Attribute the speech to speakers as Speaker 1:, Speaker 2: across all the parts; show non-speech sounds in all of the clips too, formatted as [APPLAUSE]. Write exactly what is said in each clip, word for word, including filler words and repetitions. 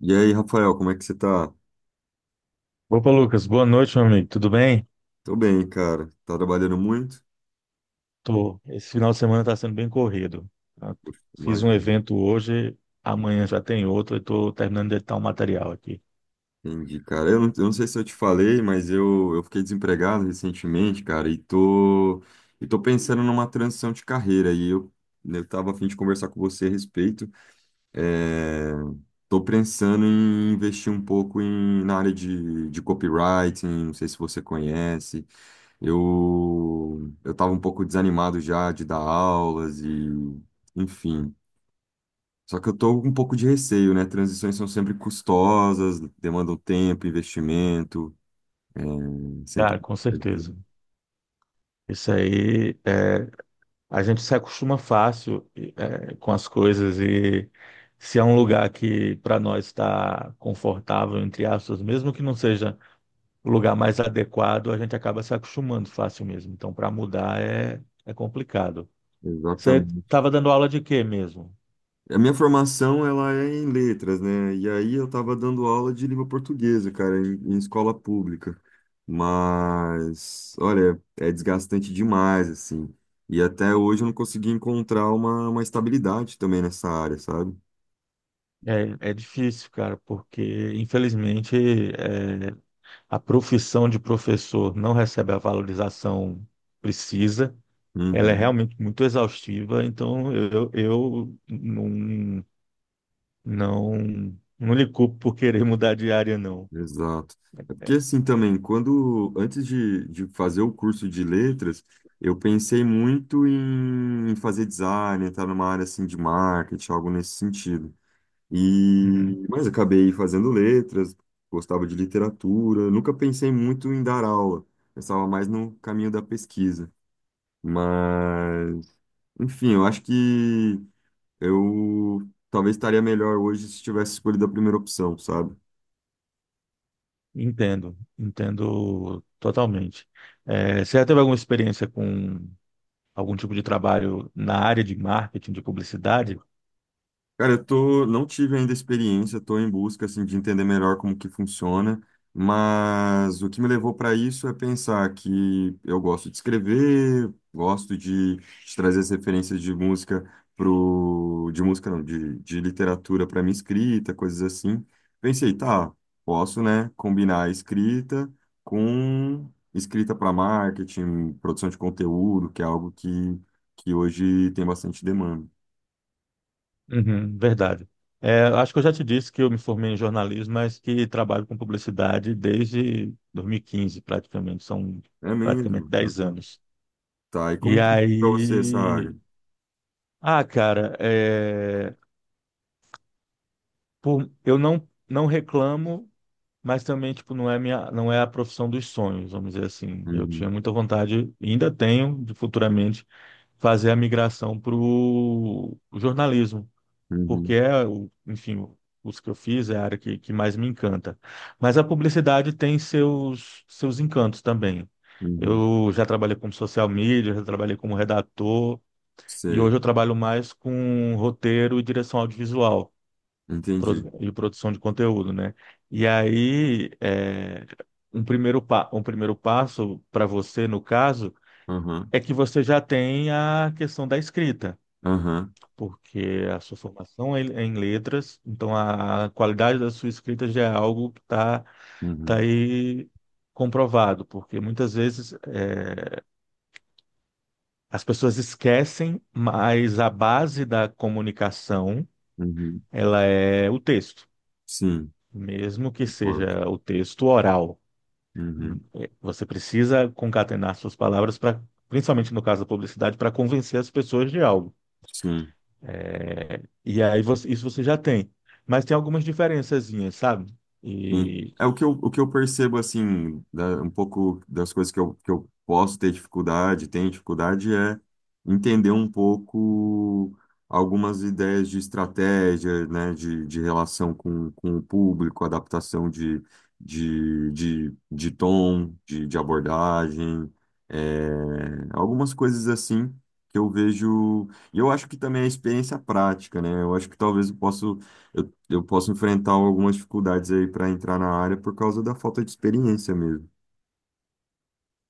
Speaker 1: E aí, Rafael, como é que você tá?
Speaker 2: Opa, Lucas, boa noite, meu amigo. Tudo bem?
Speaker 1: Tô bem, cara. Tá trabalhando muito?
Speaker 2: Tô. Esse final de semana está sendo bem corrido. Tá?
Speaker 1: Poxa,
Speaker 2: Fiz um
Speaker 1: imagina.
Speaker 2: evento hoje, amanhã já tem outro, e tô terminando de editar um material aqui.
Speaker 1: Entendi, cara. Eu não, eu não sei se eu te falei, mas eu, eu fiquei desempregado recentemente, cara, e tô, e tô pensando numa transição de carreira. E eu, eu tava a fim de conversar com você a respeito. É, tô pensando em investir um pouco em, na área de, de copywriting, não sei se você conhece. Eu, eu tava um pouco desanimado já de dar aulas e. Enfim, só que eu tô com um pouco de receio, né? Transições são sempre custosas, demandam tempo, investimento, é, sempre.
Speaker 2: Cara, com
Speaker 1: É.
Speaker 2: certeza. Isso aí, é, a gente se acostuma fácil é, com as coisas e se é um lugar que para nós está confortável, entre aspas, mesmo que não seja o lugar mais adequado, a gente acaba se acostumando fácil mesmo. Então, para mudar é, é complicado. Você
Speaker 1: Exatamente.
Speaker 2: estava dando aula de quê mesmo?
Speaker 1: A minha formação, ela é em letras, né? E aí eu tava dando aula de língua portuguesa, cara, em, em escola pública. Mas, olha, é desgastante demais, assim. E até hoje eu não consegui encontrar uma, uma estabilidade também nessa área, sabe?
Speaker 2: É, é difícil, cara, porque infelizmente é, a profissão de professor não recebe a valorização precisa. Ela é
Speaker 1: Uhum.
Speaker 2: realmente muito exaustiva, então eu, eu não, não, não lhe culpo por querer [LAUGHS] mudar de área, não.
Speaker 1: Exato. É
Speaker 2: É.
Speaker 1: porque assim também, quando antes de, de fazer o curso de letras, eu pensei muito em em fazer design, entrar numa área assim de marketing, algo nesse sentido.
Speaker 2: Uhum.
Speaker 1: E mas acabei fazendo letras, gostava de literatura, nunca pensei muito em dar aula. Pensava mais no caminho da pesquisa. Mas, enfim, eu acho que eu talvez estaria melhor hoje se tivesse escolhido a primeira opção, sabe?
Speaker 2: Entendo, entendo totalmente. É, você já teve alguma experiência com algum tipo de trabalho na área de marketing, de publicidade?
Speaker 1: Cara, eu tô, não tive ainda experiência, tô em busca assim de entender melhor como que funciona, mas o que me levou para isso é pensar que eu gosto de escrever, gosto de, de trazer as referências de música pro, de música não, de, de literatura para minha escrita, coisas assim. Pensei, tá, posso, né, combinar a escrita com escrita para marketing, produção de conteúdo, que é algo que, que hoje tem bastante demanda.
Speaker 2: Uhum, verdade. É, acho que eu já te disse que eu me formei em jornalismo, mas que trabalho com publicidade desde dois mil e quinze, praticamente. São
Speaker 1: É
Speaker 2: praticamente
Speaker 1: mesmo.
Speaker 2: dez
Speaker 1: Uhum.
Speaker 2: anos.
Speaker 1: Tá, e
Speaker 2: E
Speaker 1: como que é pra você essa área?
Speaker 2: aí. Ah, cara, é, por- eu não, não reclamo, mas também tipo, não é minha, não é a profissão dos sonhos, vamos dizer assim. Eu tinha
Speaker 1: Uhum,
Speaker 2: muita vontade, e ainda tenho, de futuramente, fazer a migração para o jornalismo. Porque
Speaker 1: uhum,
Speaker 2: é, o- enfim, os que eu fiz é a área que, que mais me encanta. Mas a publicidade tem seus, seus encantos também.
Speaker 1: uhum.
Speaker 2: Eu já trabalhei como social media, já trabalhei como redator, e hoje
Speaker 1: Sei,
Speaker 2: eu trabalho mais com roteiro e direção audiovisual
Speaker 1: entendi.
Speaker 2: produ- e produção de conteúdo, né? E aí, é, um primeiro, pa- um primeiro passo para você, no caso,
Speaker 1: Aham,
Speaker 2: é que você já tem a questão da escrita
Speaker 1: aham,
Speaker 2: porque a sua formação é é em letras, então a qualidade da sua escrita já é algo que está tá
Speaker 1: uhum,
Speaker 2: aí comprovado, porque muitas vezes eh, as pessoas esquecem, mas a base da comunicação,
Speaker 1: uhum.
Speaker 2: ela é o texto,
Speaker 1: Sim,
Speaker 2: mesmo que
Speaker 1: concordo.
Speaker 2: seja o texto oral.
Speaker 1: Uhum,
Speaker 2: Eh, Você precisa concatenar suas palavras para, principalmente no caso da publicidade, para convencer as pessoas de algo.
Speaker 1: sim.
Speaker 2: E aí você- isso você já tem. Mas tem algumas diferençazinhas, sabe?
Speaker 1: Sim.
Speaker 2: E
Speaker 1: É o que eu, o que eu percebo, assim, da- um pouco das coisas que eu, que eu posso ter dificuldade, tenho dificuldade, é entender um pouco algumas ideias de estratégia, né, de, de relação com, com o público, adaptação de, de, de, de tom, de, de abordagem, é, algumas coisas assim que eu vejo. E eu acho que também é experiência prática, né? Eu acho que talvez eu possa eu posso enfrentar algumas dificuldades aí para entrar na área por causa da falta de experiência mesmo.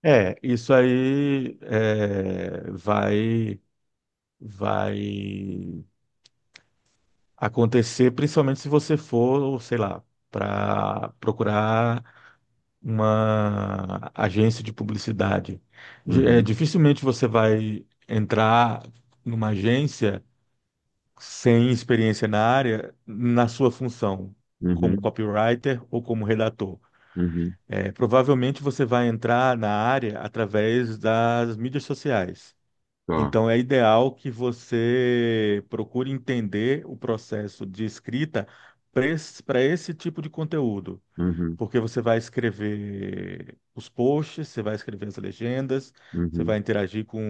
Speaker 2: é, isso aí é, vai vai acontecer, principalmente se você for, sei lá, para procurar uma agência de publicidade. Ge- é,
Speaker 1: Uhum,
Speaker 2: dificilmente você vai entrar numa agência sem experiência na área, na sua função, como
Speaker 1: uhum,
Speaker 2: copywriter ou como redator.
Speaker 1: uhum,
Speaker 2: É, provavelmente você vai entrar na área através das mídias sociais.
Speaker 1: tá.
Speaker 2: Então, é ideal que você procure entender o processo de escrita para esse, pra esse tipo de conteúdo,
Speaker 1: Uhum,
Speaker 2: porque você vai escrever os posts, você vai escrever as legendas, você
Speaker 1: uhum.
Speaker 2: vai interagir com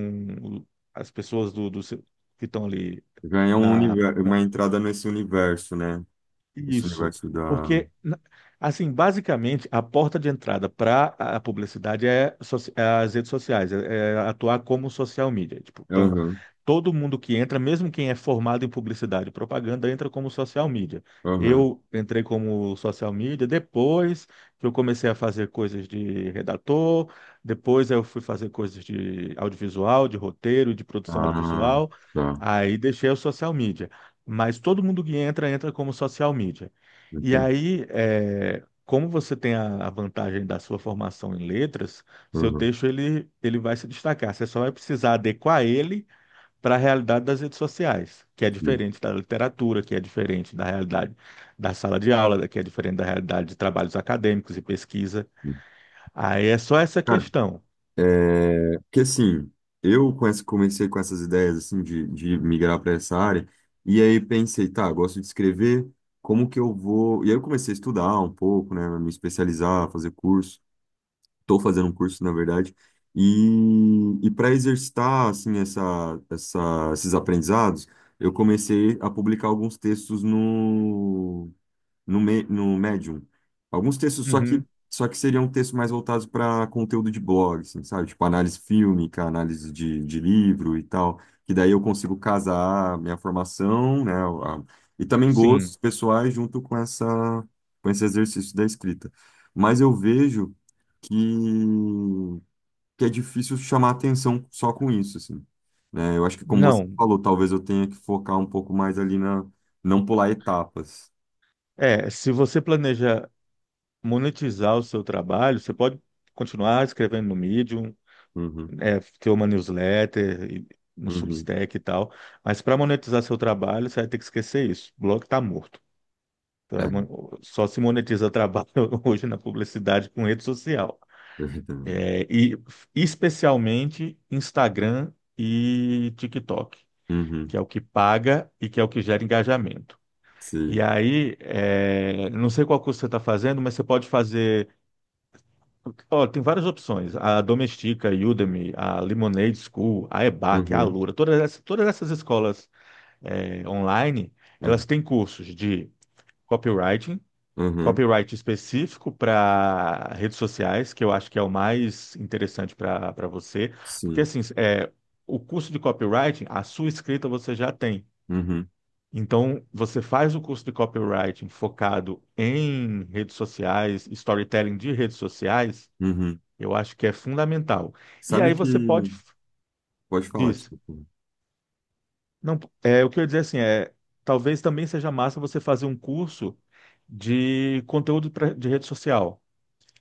Speaker 2: o- as pessoas do, do seu- que estão ali
Speaker 1: Já é um
Speaker 2: na,
Speaker 1: universo,
Speaker 2: na-
Speaker 1: uma entrada nesse universo, né? Esse
Speaker 2: isso.
Speaker 1: universo da.
Speaker 2: Porque, na- assim, basicamente, a porta de entrada para a publicidade é, soci- é as redes sociais, é, é atuar como social media. Tipo, então,
Speaker 1: Aham,
Speaker 2: todo mundo que entra, mesmo quem é formado em publicidade e propaganda, entra como social media.
Speaker 1: aham.
Speaker 2: Eu entrei como social media depois que eu comecei a fazer coisas de redator, depois eu fui fazer coisas de audiovisual, de roteiro, de produção
Speaker 1: Ah,
Speaker 2: audiovisual,
Speaker 1: tá.
Speaker 2: aí deixei o social media. Mas todo mundo que entra, entra como social media. E
Speaker 1: Entendi.
Speaker 2: aí, é, como você tem a, a vantagem da sua formação em letras, seu
Speaker 1: Aham,
Speaker 2: texto ele, ele vai se destacar. Você só vai precisar adequar ele para a realidade das redes sociais, que é
Speaker 1: sim,
Speaker 2: diferente da literatura, que é diferente da realidade da sala de aula, que é diferente da realidade de trabalhos acadêmicos e pesquisa.
Speaker 1: sim.
Speaker 2: Aí é só essa
Speaker 1: Cara,
Speaker 2: questão.
Speaker 1: é, porque assim, eu com essa- comecei com essas ideias assim de, de migrar para essa área, e aí pensei, tá, gosto de escrever, como que eu vou? E aí eu comecei a estudar um pouco, né, me especializar, fazer curso. Estou fazendo um curso, na verdade. E, e para exercitar assim essa, essa, esses aprendizados, eu comecei a publicar alguns textos no, Me- no Medium. Alguns textos, só que,
Speaker 2: Uhum.
Speaker 1: só que seriam textos mais voltados para conteúdo de blog, assim, sabe? Tipo análise fílmica, análise de, de livro e tal. Que daí eu consigo casar minha formação, né? a- e também gostos
Speaker 2: Sim.
Speaker 1: pessoais junto com essa, com esse exercício da escrita. Mas eu vejo que, que é difícil chamar atenção só com isso, assim. Né? Eu acho que, como você
Speaker 2: Não.
Speaker 1: falou, talvez eu tenha que focar um pouco mais ali na... Não pular etapas.
Speaker 2: É, se você planeja monetizar o seu trabalho, você pode continuar escrevendo no Medium,
Speaker 1: Uhum,
Speaker 2: é, ter uma newsletter, e- no
Speaker 1: uhum.
Speaker 2: Substack e tal, mas para monetizar seu trabalho, você vai ter que esquecer isso. O blog está morto. Tu
Speaker 1: É
Speaker 2: vai mon- Só se monetiza trabalho [LAUGHS] hoje na publicidade com rede social.
Speaker 1: verdade.
Speaker 2: É, e especialmente Instagram e TikTok,
Speaker 1: Uhum,
Speaker 2: que é o que paga e que é o que gera engajamento. E
Speaker 1: sim.
Speaker 2: aí, é, não sei qual curso você está fazendo, mas você pode fazer. Ó, tem várias opções: a Domestika, a Udemy, a Lemonade School, a E B A C, a
Speaker 1: Uhum,
Speaker 2: Alura, todas essas, todas essas escolas é, online,
Speaker 1: uhum,
Speaker 2: elas têm cursos de copywriting.
Speaker 1: uhum,
Speaker 2: Copyright específico para redes sociais, que eu acho que é o mais interessante para para você, porque
Speaker 1: sim.
Speaker 2: assim, é, o curso de copywriting, a sua escrita você já tem.
Speaker 1: Uhum,
Speaker 2: Então, você faz o curso de copywriting focado em redes sociais, storytelling de redes sociais,
Speaker 1: uhum.
Speaker 2: eu acho que é fundamental. E aí
Speaker 1: Sabe que...
Speaker 2: você pode,
Speaker 1: Pode falar,
Speaker 2: diz,
Speaker 1: desculpa.
Speaker 2: não, é, o que eu ia dizer assim, é, talvez também seja massa você fazer um curso de conteúdo pra- de rede social,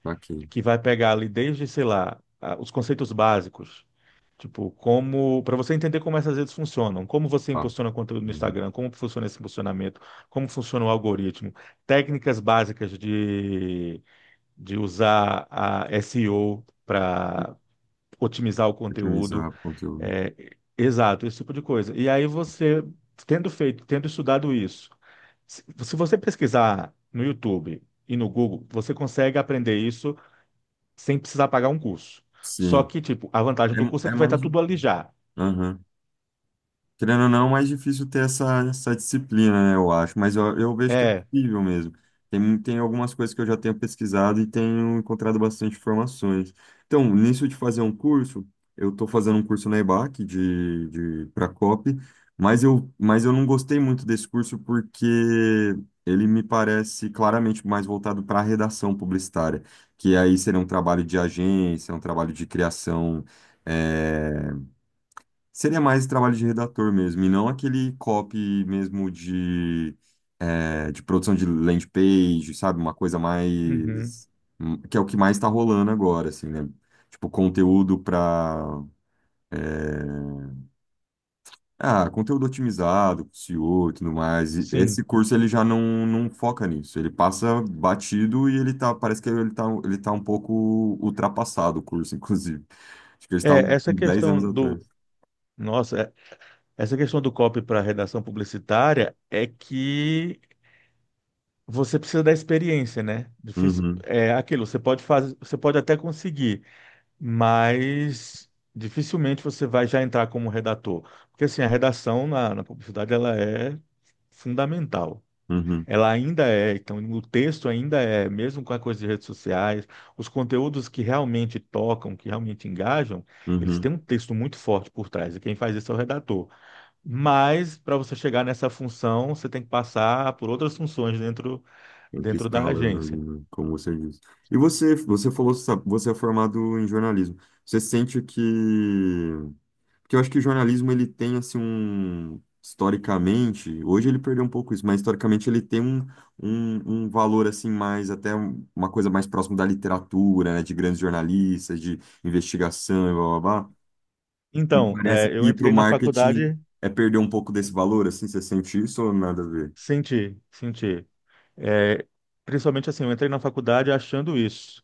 Speaker 1: Tá aqui.
Speaker 2: que vai pegar ali desde, sei lá, a- os conceitos básicos, tipo, como, para você entender como essas redes funcionam, como você
Speaker 1: Ah,
Speaker 2: impulsiona conteúdo no
Speaker 1: uhum.
Speaker 2: Instagram, como funciona esse impulsionamento, como funciona o algoritmo, técnicas básicas de, de usar a S E O para otimizar o
Speaker 1: Otimizar
Speaker 2: conteúdo,
Speaker 1: o conteúdo.
Speaker 2: é, exato, esse tipo de coisa. E aí você, tendo feito, tendo estudado isso, se se você pesquisar no YouTube, e no Google, você consegue aprender isso sem precisar pagar um curso. Só
Speaker 1: Sim.
Speaker 2: que, tipo, a vantagem do curso
Speaker 1: É,
Speaker 2: é
Speaker 1: é
Speaker 2: que vai estar
Speaker 1: mais...
Speaker 2: tudo ali já.
Speaker 1: Aham. Querendo ou não, é mais difícil ter essa, essa disciplina, né, eu acho, mas eu, eu vejo que é
Speaker 2: É.
Speaker 1: possível mesmo. Tem, mu- tem algumas coisas que eu já tenho pesquisado e tenho encontrado bastante informações. Então, nisso de fazer um curso, eu estou fazendo um curso na EBAC de, de, para C O P, mas eu, mas eu não gostei muito desse curso porque ele me parece claramente mais voltado para a redação publicitária, que aí seria um trabalho de agência, um trabalho de criação. eh, Seria mais trabalho de redator mesmo, e não aquele copy mesmo de, é, de produção de landing page, sabe? Uma coisa
Speaker 2: Uhum.
Speaker 1: mais. Hum, que é o que mais está rolando agora, assim, né? Tipo, conteúdo para. Ah, conteúdo otimizado, S E O e O e tudo mais. E
Speaker 2: Sim.
Speaker 1: esse curso ele já não, não foca nisso. Ele passa batido e ele tá. Parece que ele tá, ele tá um pouco ultrapassado, o curso, [LAUGHS] inclusive. Acho que ele está uns
Speaker 2: É, essa
Speaker 1: dez anos
Speaker 2: questão
Speaker 1: atrás.
Speaker 2: do. Nossa, é- essa questão do copy para redação publicitária é que você precisa da experiência, né? Difícil,
Speaker 1: Uhum,
Speaker 2: é aquilo, você pode fazer, você pode até conseguir, mas dificilmente você vai já entrar como redator. Porque assim, a redação na, na publicidade ela é fundamental.
Speaker 1: uhum,
Speaker 2: Ela ainda é, então o texto ainda é, mesmo com a coisa de redes sociais, os conteúdos que realmente tocam, que realmente engajam, eles
Speaker 1: uhum.
Speaker 2: têm um texto muito forte por trás, e quem faz isso é o redator. Mas para você chegar nessa função, você tem que passar por outras funções dentro,
Speaker 1: Tem que ir
Speaker 2: dentro da
Speaker 1: escalando ali,
Speaker 2: agência.
Speaker 1: né? Como você disse. E você, você falou, sabe, você é formado em jornalismo. Você sente que... Porque eu acho que o jornalismo, ele tem, assim, um... Historicamente, hoje ele perdeu um pouco isso, mas historicamente ele tem um, um, um valor, assim, mais... Até um- uma coisa mais próxima da literatura, né? De grandes jornalistas, de investigação, e blá, blá, blá. E
Speaker 2: Então,
Speaker 1: parece
Speaker 2: é,
Speaker 1: que
Speaker 2: eu
Speaker 1: ir para o
Speaker 2: entrei na
Speaker 1: marketing
Speaker 2: faculdade,
Speaker 1: é perder um pouco desse valor, assim. Você sente isso ou nada a ver?
Speaker 2: senti, senti. É, principalmente assim, eu entrei na faculdade achando isso.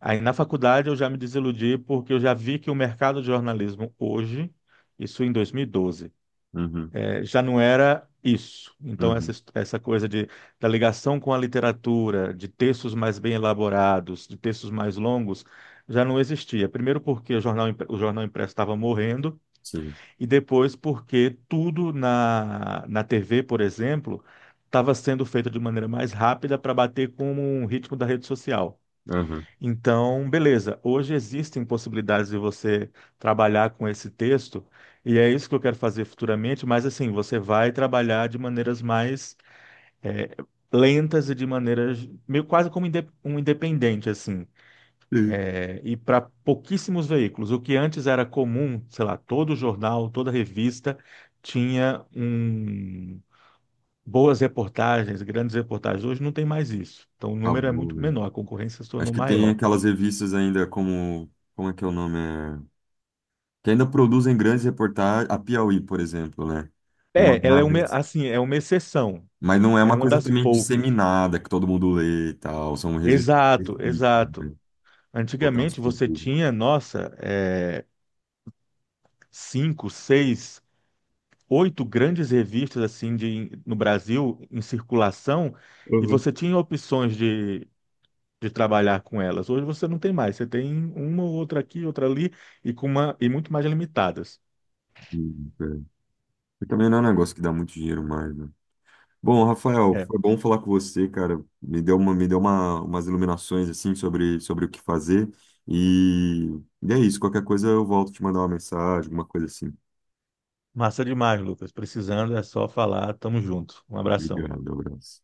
Speaker 2: Aí na faculdade eu já me desiludi porque eu já vi que o mercado de jornalismo hoje, isso em dois mil e doze,
Speaker 1: Uhum,
Speaker 2: eh, já não era isso. Então essa,
Speaker 1: uhum,
Speaker 2: his- essa coisa de, da ligação com a literatura, de textos mais bem elaborados, de textos mais longos, já não existia. Primeiro porque o jornal, impre- o jornal impresso estava morrendo
Speaker 1: sim.
Speaker 2: e depois porque tudo na, na T V, por exemplo, estava sendo feito de maneira mais rápida para bater com o ritmo da rede social.
Speaker 1: Aham.
Speaker 2: Então, beleza. Hoje existem possibilidades de você trabalhar com esse texto, e é isso que eu quero fazer futuramente, mas assim, você vai trabalhar de maneiras mais eh, lentas e de maneiras meio quase como inde- um independente, assim.
Speaker 1: [LAUGHS]
Speaker 2: Eh, e para pouquíssimos veículos. O que antes era comum, sei lá, todo jornal, toda revista tinha um. Boas reportagens, grandes reportagens. Hoje não tem mais isso. Então, o número é
Speaker 1: Acabou,
Speaker 2: muito
Speaker 1: né?
Speaker 2: menor, a concorrência se
Speaker 1: Acho
Speaker 2: tornou
Speaker 1: que tem
Speaker 2: maior.
Speaker 1: aquelas revistas ainda como. Como é que é o nome? É... Que ainda produzem grandes reportagens. A Piauí, por exemplo, né?
Speaker 2: É, ela é uma,
Speaker 1: Mas,
Speaker 2: assim, é uma exceção,
Speaker 1: mas não é
Speaker 2: é
Speaker 1: uma
Speaker 2: uma
Speaker 1: coisa
Speaker 2: das
Speaker 1: também
Speaker 2: poucas.
Speaker 1: disseminada, que todo mundo lê e tal. São revistas
Speaker 2: Exato,
Speaker 1: específicas,
Speaker 2: exato.
Speaker 1: né? Voltadas
Speaker 2: Antigamente
Speaker 1: para o
Speaker 2: você
Speaker 1: público.
Speaker 2: tinha, nossa, é, cinco, seis, oito grandes revistas assim de, no Brasil em circulação e
Speaker 1: Uhum.
Speaker 2: você tinha opções de, de trabalhar com elas. Hoje você não tem mais, você tem uma ou outra aqui, outra ali e com uma e muito mais limitadas.
Speaker 1: E, é. E também não é um negócio que dá muito dinheiro mais, né? Bom, Rafael,
Speaker 2: É,
Speaker 1: foi bom falar com você, cara. Me deu uma, me deu uma, umas iluminações assim sobre, sobre o que fazer. E, e é isso, qualquer coisa eu volto te mandar uma mensagem, alguma coisa assim.
Speaker 2: massa demais, Lucas. Precisando é só falar, tamo junto. Um abração.
Speaker 1: Obrigado, abraço.